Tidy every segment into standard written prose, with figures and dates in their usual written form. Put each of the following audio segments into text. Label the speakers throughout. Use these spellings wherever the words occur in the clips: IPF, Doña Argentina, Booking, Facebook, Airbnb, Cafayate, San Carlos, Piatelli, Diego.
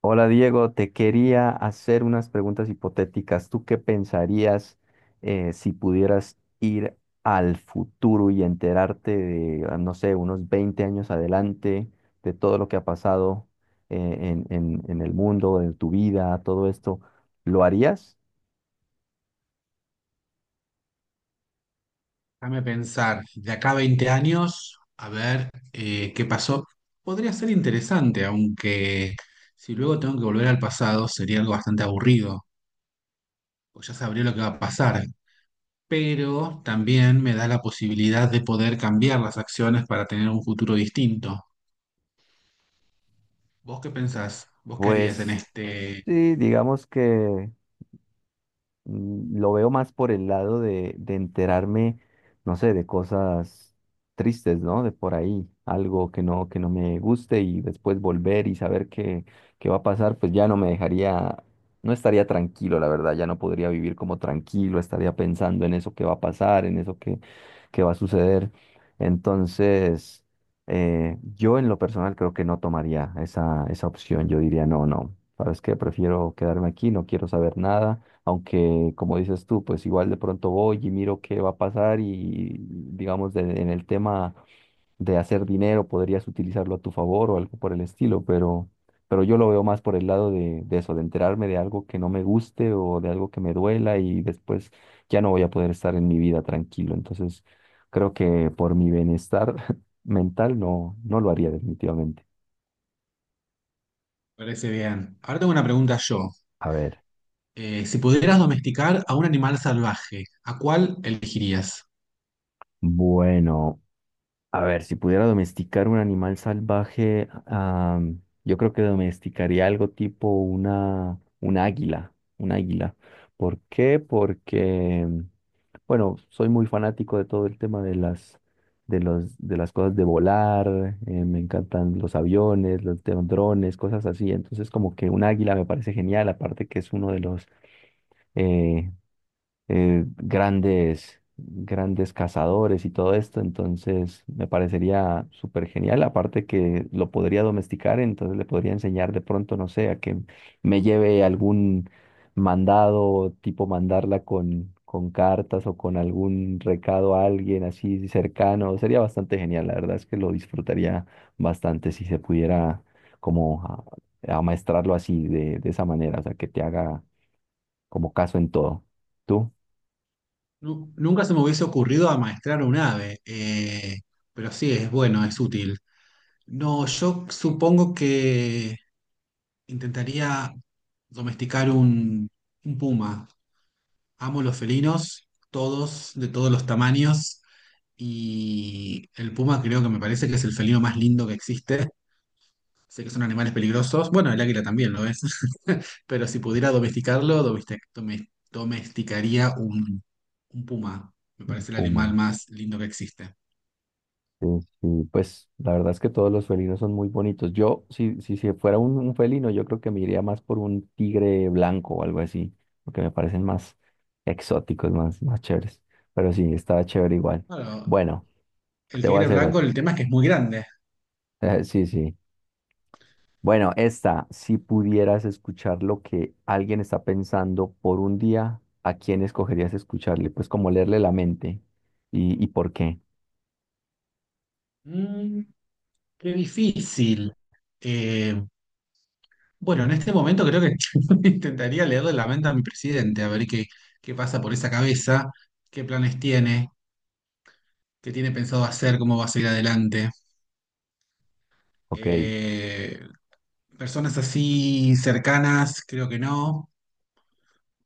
Speaker 1: Hola Diego, te quería hacer unas preguntas hipotéticas. ¿Tú qué pensarías si pudieras ir al futuro y enterarte de, no sé, unos 20 años adelante, de todo lo que ha pasado en, el mundo, en tu vida, todo esto? ¿Lo harías?
Speaker 2: Déjame pensar, de acá a 20 años, a ver qué pasó. Podría ser interesante, aunque si luego tengo que volver al pasado sería algo bastante aburrido, pues ya sabría lo que va a pasar. Pero también me da la posibilidad de poder cambiar las acciones para tener un futuro distinto. ¿Vos qué pensás? ¿Vos qué harías en
Speaker 1: Pues
Speaker 2: este?
Speaker 1: sí, digamos que lo veo más por el lado de enterarme, no sé, de cosas tristes, ¿no? De por ahí, algo que no me guste y después volver y saber qué, qué va a pasar, pues ya no me dejaría, no estaría tranquilo, la verdad, ya no podría vivir como tranquilo, estaría pensando en eso que va a pasar, en eso que va a suceder. Entonces, yo en lo personal creo que no tomaría esa, esa opción, yo diría, no, no, ¿sabes qué? Prefiero quedarme aquí, no quiero saber nada aunque, como dices tú, pues igual de pronto voy y miro qué va a pasar y, digamos, en el tema de hacer dinero, podrías utilizarlo a tu favor o algo por el estilo, pero yo lo veo más por el lado de eso, de enterarme de algo que no me guste o de algo que me duela y después ya no voy a poder estar en mi vida tranquilo. Entonces, creo que por mi bienestar mental no, no lo haría definitivamente.
Speaker 2: Parece bien. Ahora tengo una pregunta yo.
Speaker 1: A ver,
Speaker 2: Si pudieras domesticar a un animal salvaje, ¿a cuál elegirías?
Speaker 1: bueno. A ver, si pudiera domesticar un animal salvaje, yo creo que domesticaría algo tipo una, un águila, un águila. ¿Por qué? Porque, bueno, soy muy fanático de todo el tema de las, de los, de las cosas de volar, me encantan los aviones, los drones, cosas así. Entonces, como que un águila me parece genial, aparte que es uno de los, eh, grandes cazadores y todo esto, entonces me parecería súper genial, aparte que lo podría domesticar, entonces le podría enseñar de pronto, no sé, a que me lleve algún mandado, tipo mandarla con cartas o con algún recado a alguien así cercano, sería bastante genial, la verdad es que lo disfrutaría bastante si se pudiera como amaestrarlo así, de esa manera, o sea, que te haga como caso en todo. ¿Tú?
Speaker 2: Nunca se me hubiese ocurrido amaestrar un ave, pero sí es bueno, es útil. No, yo supongo que intentaría domesticar un puma. Amo los felinos, todos, de todos los tamaños, y el puma creo que me parece que es el felino más lindo que existe. Sé que son animales peligrosos. Bueno, el águila también lo es. Pero si pudiera domesticarlo, domesticaría un puma. Me
Speaker 1: Un
Speaker 2: parece el animal
Speaker 1: puma.
Speaker 2: más lindo que existe.
Speaker 1: Sí, sí, pues la verdad es que todos los felinos son muy bonitos. Yo, si, si, si fuera un felino, yo creo que me iría más por un tigre blanco o algo así, porque me parecen más exóticos, más, más chéveres. Pero sí, estaba chévere igual.
Speaker 2: Claro,
Speaker 1: Bueno,
Speaker 2: el
Speaker 1: te voy a
Speaker 2: tigre
Speaker 1: hacer
Speaker 2: blanco,
Speaker 1: otra.
Speaker 2: el tema es que es muy grande.
Speaker 1: Sí, sí. Bueno, esta, si pudieras escuchar lo que alguien está pensando por un día, ¿a quién escogerías escucharle? Pues como leerle la mente y por qué.
Speaker 2: Mm, qué difícil. Eh, bueno, en este momento creo que intentaría leerle la mente a mi presidente, a ver qué pasa por esa cabeza, qué planes tiene, qué tiene pensado hacer, cómo va a seguir adelante.
Speaker 1: Ok,
Speaker 2: Eh, Personas así cercanas, creo que no.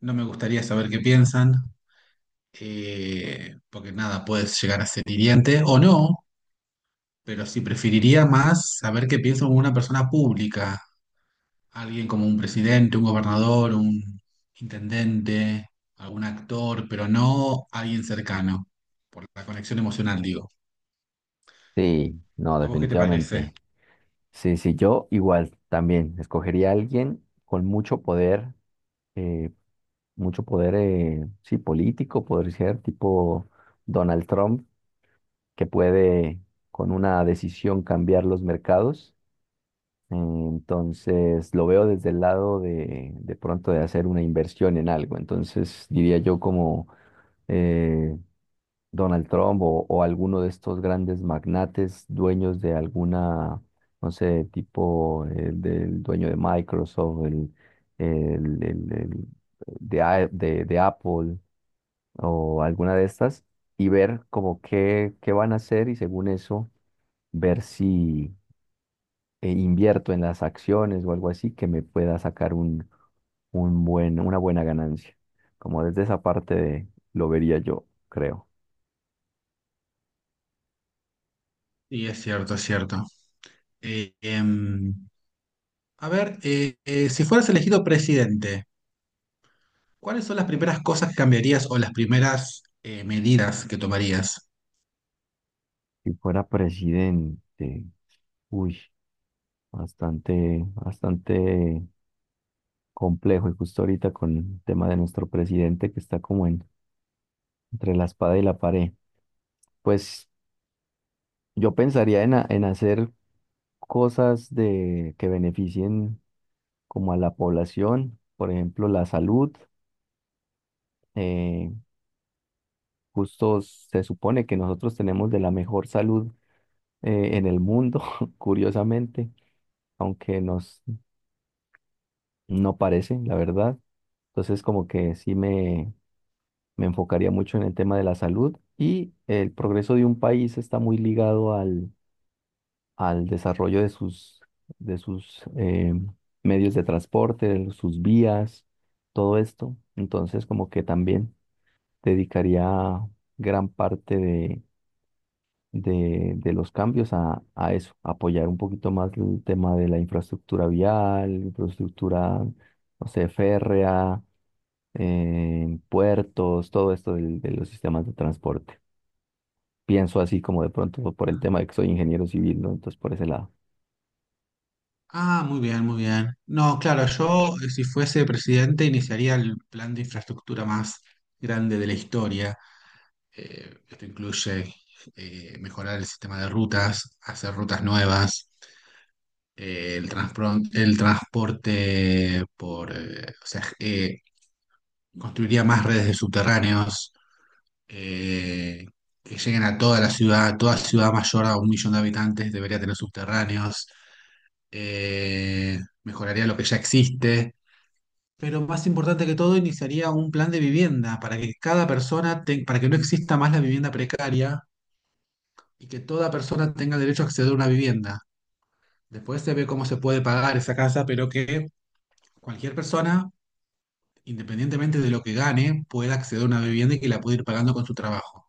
Speaker 2: No me gustaría saber qué piensan, porque nada, puede llegar a ser hiriente o no, pero sí preferiría más saber qué piensa una persona pública, alguien como un presidente, un gobernador, un intendente, algún actor, pero no alguien cercano, por la conexión emocional, digo.
Speaker 1: sí, no,
Speaker 2: ¿A vos qué te parece?
Speaker 1: definitivamente. Sí, sí, yo igual también escogería a alguien con eh, mucho poder, sí, político, poder ser, tipo Donald Trump, que puede con una decisión cambiar los mercados. Entonces, lo veo desde el lado de pronto de hacer una inversión en algo. Entonces, diría yo como eh, Donald Trump o alguno de estos grandes magnates dueños de alguna, no sé, tipo el del dueño de Microsoft, el, el de, de Apple o alguna de estas, y ver como qué, qué van a hacer y según eso, ver si invierto en las acciones o algo así que me pueda sacar un buen, una buena ganancia. Como desde esa parte lo vería yo, creo.
Speaker 2: Sí, es cierto, es cierto. Eh, em, a ver, si fueras elegido presidente. ¿Cuáles son las primeras cosas que cambiarías o las primeras medidas que tomarías?
Speaker 1: Si fuera presidente, uy, bastante, bastante complejo. Y justo ahorita con el tema de nuestro presidente que está como entre la espada y la pared. Pues yo pensaría en, en hacer cosas de, que beneficien como a la población, por ejemplo, la salud. eh, justo se supone que nosotros tenemos de la mejor salud en el mundo, curiosamente, aunque nos no parece, la verdad. Entonces, como que sí me enfocaría mucho en el tema de la salud y el progreso de un país está muy ligado al, al desarrollo de sus medios de transporte, de sus vías, todo esto. Entonces, como que también dedicaría gran parte de los cambios a eso, apoyar un poquito más el tema de la infraestructura vial, infraestructura, no sé, férrea en puertos, todo esto de los sistemas de transporte. Pienso así como de pronto por el tema de que soy ingeniero civil, ¿no? Entonces por ese lado.
Speaker 2: Ah, muy bien, muy bien. No, claro, yo, si fuese presidente iniciaría el plan de infraestructura más grande de la historia. Esto incluye mejorar el sistema de rutas, hacer rutas nuevas, el transporte por, o sea, construiría más redes de subterráneos eh, que lleguen a toda la ciudad, toda ciudad mayor a un millón de habitantes debería tener subterráneos, eh, mejoraría lo que ya existe, pero más importante que todo, iniciaría un plan de vivienda para que cada para que no exista más la vivienda precaria y que toda persona tenga derecho a acceder a una vivienda. Después se ve cómo se puede pagar esa casa, pero que cualquier persona, independientemente de lo que gane, pueda acceder a una vivienda y que la pueda ir pagando con su trabajo.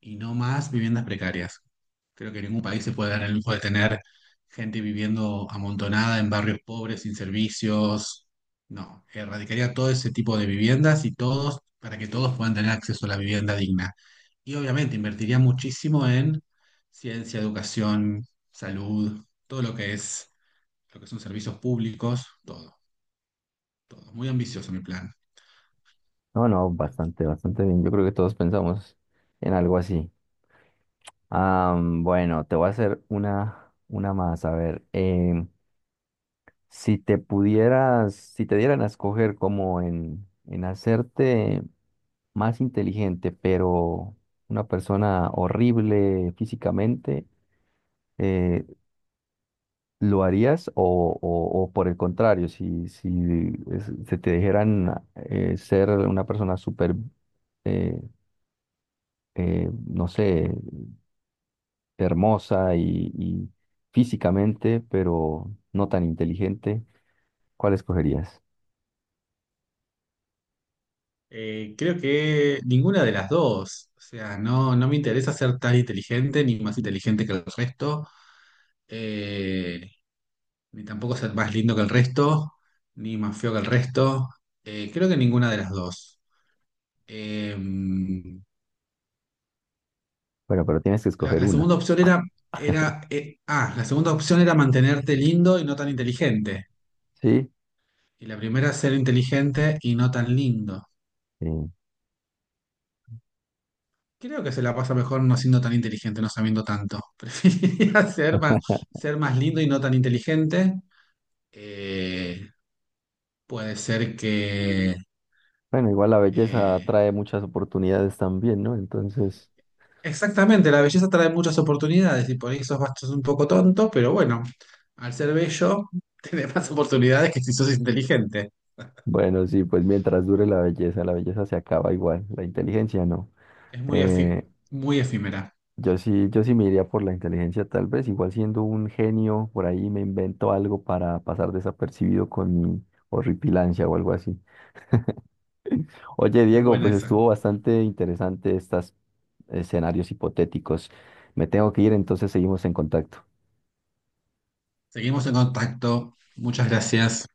Speaker 2: Y no más viviendas precarias. Creo que ningún país se puede dar el lujo de tener gente viviendo amontonada en barrios pobres, sin servicios. No, erradicaría todo ese tipo de viviendas y todos, para que todos puedan tener acceso a la vivienda digna. Y obviamente invertiría muchísimo en ciencia, educación, salud, todo lo que es, lo que son servicios públicos, todo, todo. Muy ambicioso mi plan.
Speaker 1: No, no, bastante, bastante bien. Yo creo que todos pensamos en algo así. Bueno, te voy a hacer una más. A ver, si te pudieras, si te dieran a escoger como en hacerte más inteligente, pero una persona horrible físicamente, eh, ¿lo harías o, o por el contrario, si, si se te dijeran ser una persona súper, eh, no sé, hermosa y físicamente, pero no tan inteligente, ¿cuál escogerías?
Speaker 2: Creo que ninguna de las dos. O sea, no, no me interesa ser tan inteligente ni más inteligente que el resto, eh, ni tampoco ser más lindo que el resto, ni más feo que el resto. Creo que ninguna de las dos. Eh,
Speaker 1: Bueno, pero tienes que escoger
Speaker 2: la
Speaker 1: una,
Speaker 2: segunda opción era, la segunda opción era mantenerte lindo y no tan inteligente.
Speaker 1: ¿sí?
Speaker 2: Y la primera, ser inteligente y no tan lindo.
Speaker 1: Eh,
Speaker 2: Creo que se la pasa mejor no siendo tan inteligente, no sabiendo tanto. Preferiría ser más lindo y no tan inteligente. Eh, Puede ser que...
Speaker 1: bueno, igual la belleza
Speaker 2: eh,
Speaker 1: trae muchas oportunidades también, ¿no? Entonces,
Speaker 2: exactamente, la belleza trae muchas oportunidades y por ahí sos un poco tonto, pero bueno, al ser bello, tenés más oportunidades que si sos inteligente.
Speaker 1: bueno, sí, pues mientras dure la belleza se acaba igual, la inteligencia no.
Speaker 2: Es
Speaker 1: Eh,
Speaker 2: muy efímera.
Speaker 1: yo sí, yo sí me iría por la inteligencia, tal vez, igual siendo un genio, por ahí me invento algo para pasar desapercibido con mi horripilancia o algo así. Oye,
Speaker 2: Es
Speaker 1: Diego,
Speaker 2: buena
Speaker 1: pues
Speaker 2: esa.
Speaker 1: estuvo bastante interesante estos escenarios hipotéticos. Me tengo que ir, entonces seguimos en contacto.
Speaker 2: Seguimos en contacto. Muchas gracias.